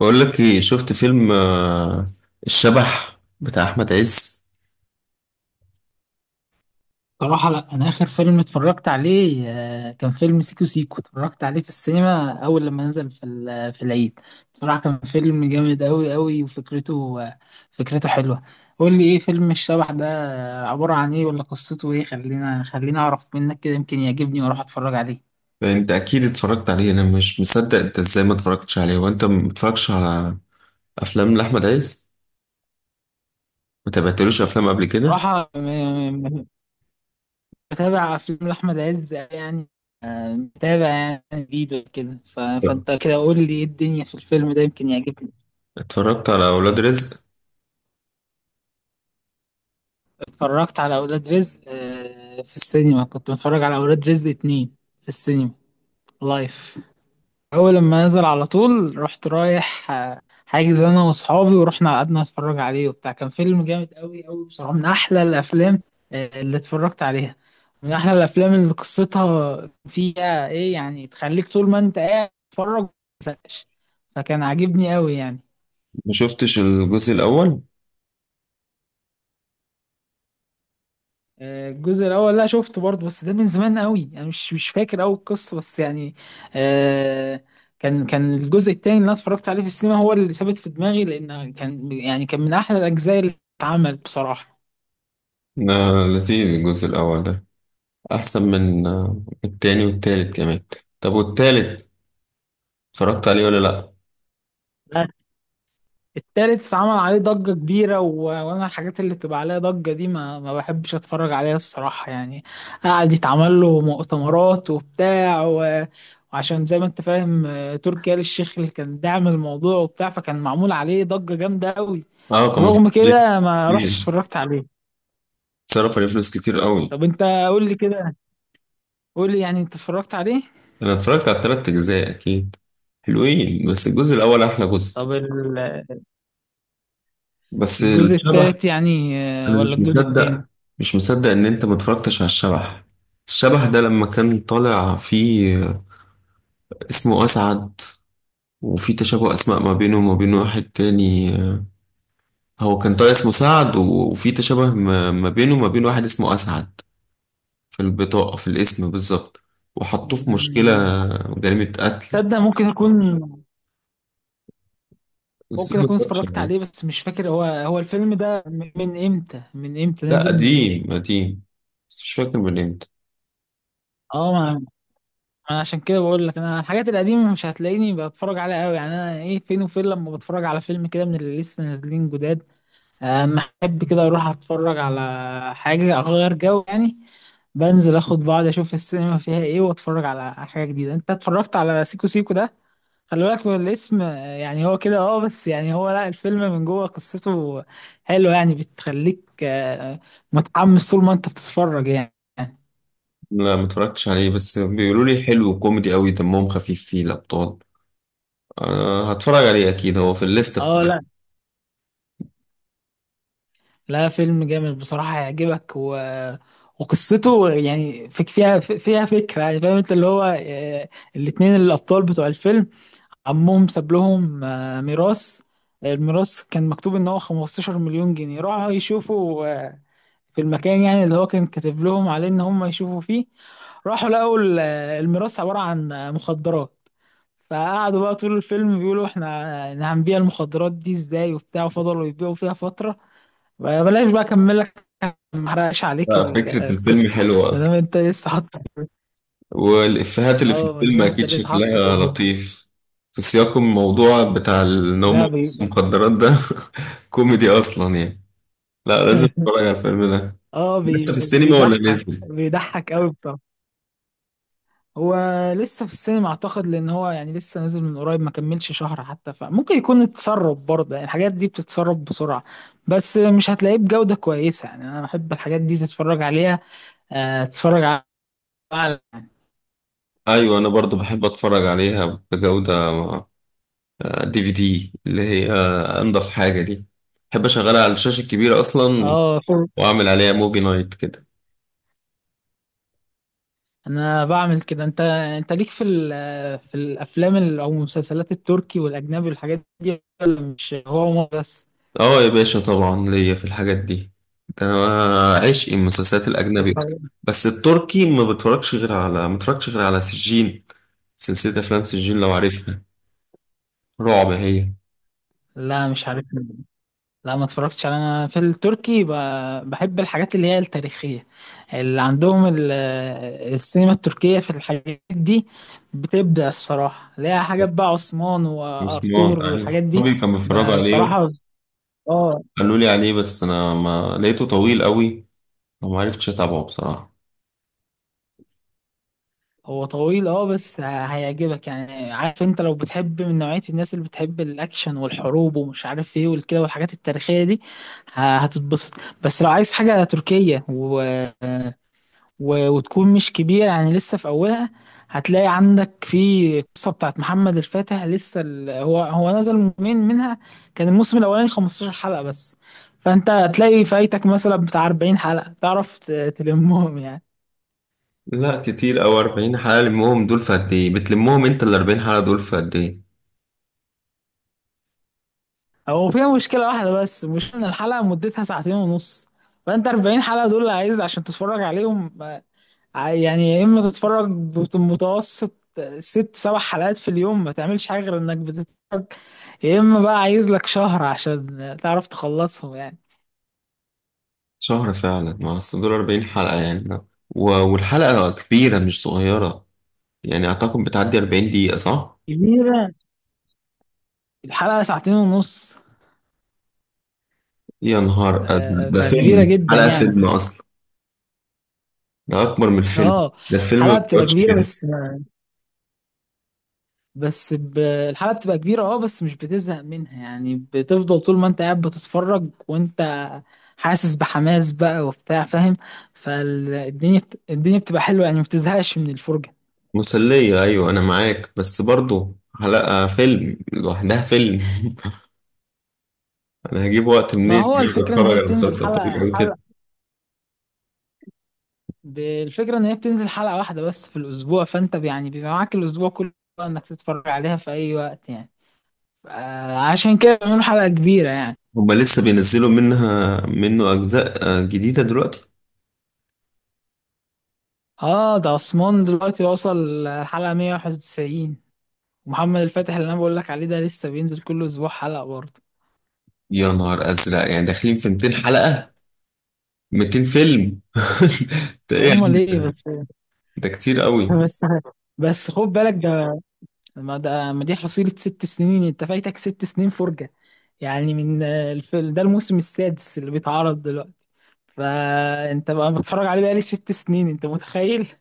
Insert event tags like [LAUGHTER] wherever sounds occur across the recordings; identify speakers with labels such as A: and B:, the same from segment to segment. A: بقول لك ايه؟ شفت فيلم الشبح بتاع احمد عز؟
B: صراحة لا، أنا آخر فيلم اتفرجت عليه كان فيلم سيكو سيكو، اتفرجت عليه في السينما أول لما نزل في العيد. بصراحة كان فيلم جامد أوي أوي، وفكرته آه، فكرته حلوة. قول لي إيه فيلم الشبح ده؟ عبارة عن إيه؟ ولا قصته إيه؟ خلينا أعرف منك كده، يمكن يعجبني وأروح أتفرج عليه.
A: انت اكيد اتفرجت عليه، انا مش مصدق انت ازاي ما اتفرجتش عليه وانت ما بتتفرجش على افلام لاحمد عز. ما تابعتلوش افلام قبل كده؟
B: صراحة بتابع أفلام لأحمد عز يعني، متابع يعني جديد وكده.
A: لا.
B: فأنت كده قول لي إيه الدنيا في الفيلم ده، يمكن يعجبني.
A: اتفرجت على اولاد رزق.
B: اتفرجت على أولاد رزق في السينما، كنت بتفرج على أولاد رزق اتنين في السينما لايف. أول لما نزل على طول رحت رايح حاجز أنا وأصحابي، ورحنا قعدنا نتفرج عليه وبتاع. كان فيلم جامد أوي أوي بصراحة، من أحلى الأفلام اللي اتفرجت عليها. من أحلى الأفلام اللي قصتها فيها إيه يعني، تخليك طول ما أنت قاعد تتفرج ما تزهقش، فكان عاجبني أوي يعني.
A: ما شفتش الجزء الاول؟
B: الجزء الاول لا شفته برضه، بس ده من زمان قوي، انا مش فاكر قوي القصه بس يعني. آه. كان الجزء التاني اللي انا اتفرجت عليه في السينما هو اللي ثابت في دماغي، لان كان يعني كان من احلى الاجزاء اللي اتعملت بصراحه.
A: لا، لذيذ الجزء الاول ده، احسن من التاني والتالت كمان. طب والتالت اتفرجت عليه ولا لا؟
B: التالت عمل عليه ضجة كبيرة، وأنا الحاجات اللي بتبقى عليها ضجة دي ما بحبش أتفرج عليها الصراحة يعني. قعد يتعمل له مؤتمرات وبتاع، وعشان زي ما أنت فاهم تركي آل الشيخ اللي كان داعم الموضوع وبتاع، فكان معمول عليه ضجة جامدة أوي.
A: اه، كان مصروف
B: رغم
A: عليه
B: كده ما رحتش
A: كتير.
B: اتفرجت عليه.
A: اتصرف عليه فلوس كتير قوي.
B: طب أنت قول لي كده، قول لي يعني أنت اتفرجت عليه.
A: انا اتفرجت على التلات اجزاء اكيد، حلوين بس الجزء الاول احلى جزء.
B: طب
A: بس
B: الجزء
A: الشبح،
B: التالت يعني،
A: انا
B: ولا
A: مش
B: الجزء
A: مصدق،
B: التاني؟
A: مش مصدق ان انت ما اتفرجتش على الشبح. الشبح ده لما كان طالع فيه اسمه اسعد، وفي تشابه اسماء ما بينه وما بين واحد تاني. هو كان طالع اسمه سعد وفي تشابه ما بينه وما بين واحد اسمه اسعد، في البطاقة في الاسم بالظبط، وحطوه في مشكلة
B: مم.
A: جريمة قتل.
B: تصدق ممكن أكون،
A: بس
B: ممكن
A: ما
B: اكون
A: اتفرجتش
B: اتفرجت عليه
A: عليه.
B: بس مش فاكر، هو الفيلم ده من من امتى من امتى
A: لا،
B: نازل من امتى
A: قديم قديم بس مش فاكر من امتى.
B: اه، ما انا عشان كده بقول لك، انا الحاجات القديمه مش هتلاقيني بتفرج عليها قوي يعني. انا ايه؟ فين وفين لما بتفرج على فيلم كده من اللي لسه نازلين جداد. اما احب كده اروح اتفرج على حاجه اغير جو يعني، بنزل اخد بعض اشوف السينما فيها ايه واتفرج على حاجه جديده. انت اتفرجت على سيكو سيكو ده؟ خلي بالك من الاسم يعني، هو كده اه، بس يعني هو لا، الفيلم من جوه قصته حلوة يعني، بتخليك متحمس طول ما انت بتتفرج يعني.
A: لا، ما اتفرجتش عليه، بس بيقولوا لي حلو وكوميدي قوي، دمهم خفيف فيه الابطال. أه، هتفرج عليه اكيد، هو في الليسته
B: اه،
A: بتاعتي.
B: لا لا، فيلم جامد بصراحة، هيعجبك. وقصته يعني فيها فكرة يعني، فاهم انت اللي هو، الاتنين الأبطال بتوع الفيلم عمهم ساب لهم ميراث. الميراث كان مكتوب ان هو 15 مليون جنيه، راحوا يشوفوا في المكان يعني اللي هو كان كاتب لهم عليه ان هم يشوفوا فيه. راحوا لقوا الميراث عبارة عن مخدرات. فقعدوا بقى طول الفيلم بيقولوا إحنا هنبيع المخدرات دي ازاي وبتاع، وفضلوا يبيعوا فيها فترة. بلاش بقى اكمل لك، ما احرقش عليك
A: لا، فكره الفيلم
B: القصة.
A: حلوه
B: [LAUGHS] ما دام
A: اصلا،
B: انت لسه حاطه في-
A: والافيهات اللي في
B: اه ما دام
A: الفيلم
B: انت
A: اكيد
B: لسه حاطه في
A: شكلها لطيف. في سياق الموضوع بتاع ان هم
B: ده
A: بيبصوا مخدرات ده [LAUGHS] كوميدي اصلا يعني. لا، لازم
B: [LAUGHS]
A: اتفرج على الفيلم ده.
B: اه،
A: لسه في السينما ولا
B: بيضحك
A: نازل؟
B: بيضحك قوي بصراحة. هو لسه في السينما اعتقد، لان هو يعني لسه نازل من قريب، ما كملش شهر حتى، فممكن يكون اتسرب برضه، يعني الحاجات دي بتتسرب بسرعة، بس مش هتلاقيه بجودة كويسة. يعني انا بحب الحاجات دي تتفرج عليها، تتفرج على.
A: ايوه، انا برضو بحب اتفرج عليها بجوده. دي في دي اللي هي انضف حاجه دي. بحب اشغلها على الشاشه الكبيره اصلا،
B: اه، طب
A: واعمل عليها موفي نايت كده.
B: انا بعمل كده. انت ليك في في الافلام او المسلسلات التركي والاجنبي والحاجات دي، ولا مش هو مو بس؟
A: اه يا باشا، طبعا ليا في الحاجات دي. ده انا عشق المسلسلات الاجنبي اصلا.
B: اتفرج.
A: بس التركي ما بتفرجش غير على ما بتفرجش غير على سجين. سلسله افلام سجين، لو عارفها، رعب هي.
B: لا، مش عارف. لا، ما اتفرجتش انا في التركي بحب الحاجات اللي هي التاريخية، اللي عندهم السينما التركية في الحاجات دي بتبدع الصراحة، ليها حاجات بقى، عثمان
A: مسمار،
B: وارطغرل
A: ايوه،
B: والحاجات دي
A: صحابي كانوا بيتفرجوا عليه،
B: بصراحة، اه.
A: قالوا لي عليه، بس انا ما لقيته طويل قوي فما عرفتش اتابعه بصراحه.
B: هو طويل اه، بس هيعجبك يعني. عارف انت لو بتحب من نوعية الناس اللي بتحب الاكشن والحروب ومش عارف ايه والكده والحاجات التاريخية دي، هتتبسط. بس لو عايز حاجة تركية وتكون مش كبيرة يعني، لسه في أولها، هتلاقي عندك في قصة بتاعت محمد الفاتح. لسه هو نزل موسمين منها، كان الموسم الأولاني 15 حلقة بس. فأنت هتلاقي فايتك مثلا بتاع 40 حلقة، تعرف تلمهم يعني.
A: لا كتير أوي 40 حلقة، لمهم دول في قد إيه؟ بتلمهم أنت ال 40 حلقة دول في قد إيه؟
B: هو فيها مشكلة واحدة بس، مش إن الحلقة مدتها ساعتين ونص، فأنت 40 حلقة دول اللي عايز عشان تتفرج عليهم. يعني يا اما تتفرج بمتوسط ست سبع حلقات في اليوم، ما تعملش حاجه غير انك بتتفرج، يا اما بقى عايز لك شهر عشان تعرف تخلصهم يعني.
A: شهر فعلا، ما أصل دول 40 حلقة يعني. لا. والحلقة كبيرة مش صغيرة، يعني أعتقد بتعدي 40 دقيقة، صح؟
B: كبيره، الحلقه ساعتين ونص،
A: يا نهار أزرق، ده
B: فكبيره
A: فيلم،
B: جدا
A: حلقة
B: يعني.
A: فيلم أصلا. ده أكبر من الفيلم.
B: اه،
A: ده الفيلم ما
B: الحلقه بتبقى
A: بيقعدش
B: كبيره
A: كده.
B: بس. بس ب... الحلقه بتبقى كبيره اه بس مش بتزهق منها يعني، بتفضل طول ما انت قاعد بتتفرج وانت حاسس بحماس بقى وبتاع، فاهم؟ فالدنيا الدنيا بتبقى حلوه يعني، ما بتزهقش من الفرجه.
A: مسلية، أيوة أنا معاك، بس برضه حلقة فيلم لوحدها فيلم. [LAUGHS] أنا هجيب وقت
B: ما
A: منين
B: هو الفكرة ان
A: أتفرج
B: هي
A: على
B: بتنزل
A: مسلسل طويل
B: حلقة
A: أوي كده؟
B: حلقة، بالفكرة ان هي بتنزل حلقة واحدة بس في الاسبوع، فانت يعني بيبقى معاك الاسبوع كله انك تتفرج عليها في اي وقت يعني. عشان كده بيعملوا حلقة كبيرة يعني.
A: هما لسه بينزلوا منه أجزاء جديدة دلوقتي؟
B: اه، ده عثمان دلوقتي وصل الحلقة 191، ومحمد الفاتح اللي انا بقول لك عليه ده لسه بينزل كل اسبوع حلقة برضه.
A: يا نهار أزرق، يعني داخلين في 200 حلقة، 200 فيلم. [LAUGHS] ده إيه يا
B: هم
A: عم
B: ليه
A: ده؟
B: بس؟ [LAUGHS]
A: ده كتير قوي.
B: بس بس خد بالك ده. ما دي حصيلة 6 سنين، انت فايتك 6 سنين فرجة يعني. من ده الموسم السادس اللي بيتعرض دلوقتي، فانت بقى بتفرج عليه بقالي 6 سنين، انت متخيل؟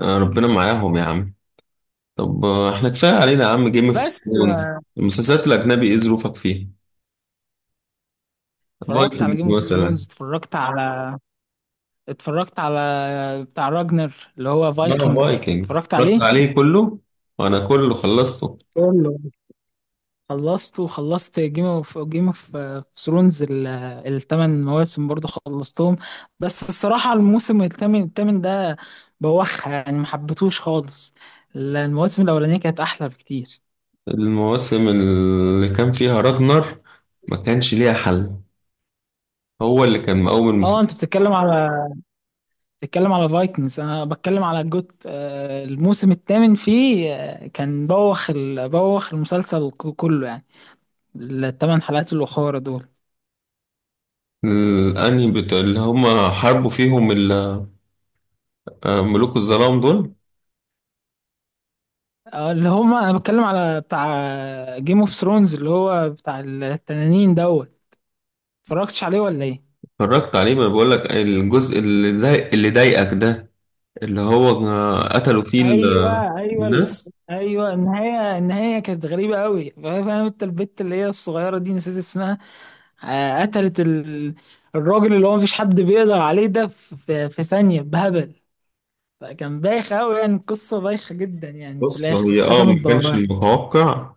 A: ربنا معاهم يا عم. طب إحنا كفاية علينا يا عم جيم اوف
B: بس
A: ثرونز. المسلسلات الأجنبي إيه ظروفك فيها؟
B: اتفرجت على
A: فايكنجز
B: جيم اوف
A: مثلا؟
B: ثرونز. اتفرجت على بتاع راجنر اللي هو
A: أنا
B: فايكنجز،
A: فايكنجز
B: اتفرجت عليه
A: اتفرجت عليه كله، وأنا كله خلصته.
B: كله، خلصته. وخلصت جيم اوف ثرونز، الثمان مواسم برضو خلصتهم. بس الصراحة الموسم الثامن ده بوخ يعني، ما حبيتهوش خالص، المواسم الأولانية كانت أحلى بكتير.
A: المواسم اللي كان فيها راجنر ما كانش ليها حل، هو اللي كان مقوم.
B: اه، انت بتتكلم على، فايكنجز. انا بتكلم على جوت، الموسم الثامن فيه كان بوخ، بوخ المسلسل كله يعني، الثمان حلقات الاخرى دول.
A: الانمي بتاع اللي هم حاربوا فيهم ال- ملوك الظلام دول؟
B: اللي هما انا بتكلم على بتاع جيم اوف ثرونز اللي هو بتاع التنانين دوت. اتفرجتش عليه ولا ايه؟
A: اتفرجت عليه، ما بقول لك الجزء اللي زي اللي ضايقك ده، اللي هو قتلوا فيه ال- آه،
B: ايوه ايوه
A: الناس.
B: ايوه، النهايه كانت غريبه قوي، فاهم انت البت اللي هي الصغيره دي، نسيت اسمها، قتلت الراجل اللي هو مفيش حد بيقدر عليه ده، في ثانيه بهبل. فكان بايخ قوي يعني، القصه بايخه جدا يعني، في
A: بص،
B: الاخر
A: هي اه
B: ختمت
A: ما كانش
B: بواه.
A: المتوقع،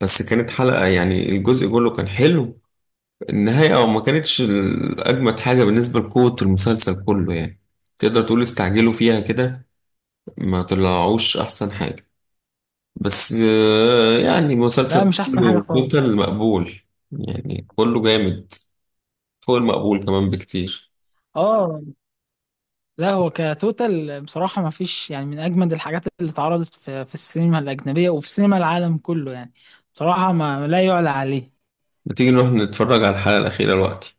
A: بس كانت حلقة يعني الجزء كله كان حلو. النهاية اه ما كانتش ال- أجمد حاجة بالنسبة لقوة المسلسل كله يعني. تقدر تقول استعجلوا فيها كده، ما طلعوش أحسن حاجة، بس يعني
B: لا،
A: مسلسل
B: مش احسن حاجه
A: كله
B: خالص.
A: توتال مقبول، يعني كله جامد، فوق المقبول كمان بكتير.
B: اه، لا هو كتوتال بصراحه ما فيش يعني، من اجمد الحاجات اللي اتعرضت في السينما الاجنبيه وفي سينما العالم كله يعني، بصراحه ما لا يعلى عليه.
A: بتيجي نروح نتفرج على الحلقة الأخيرة دلوقتي؟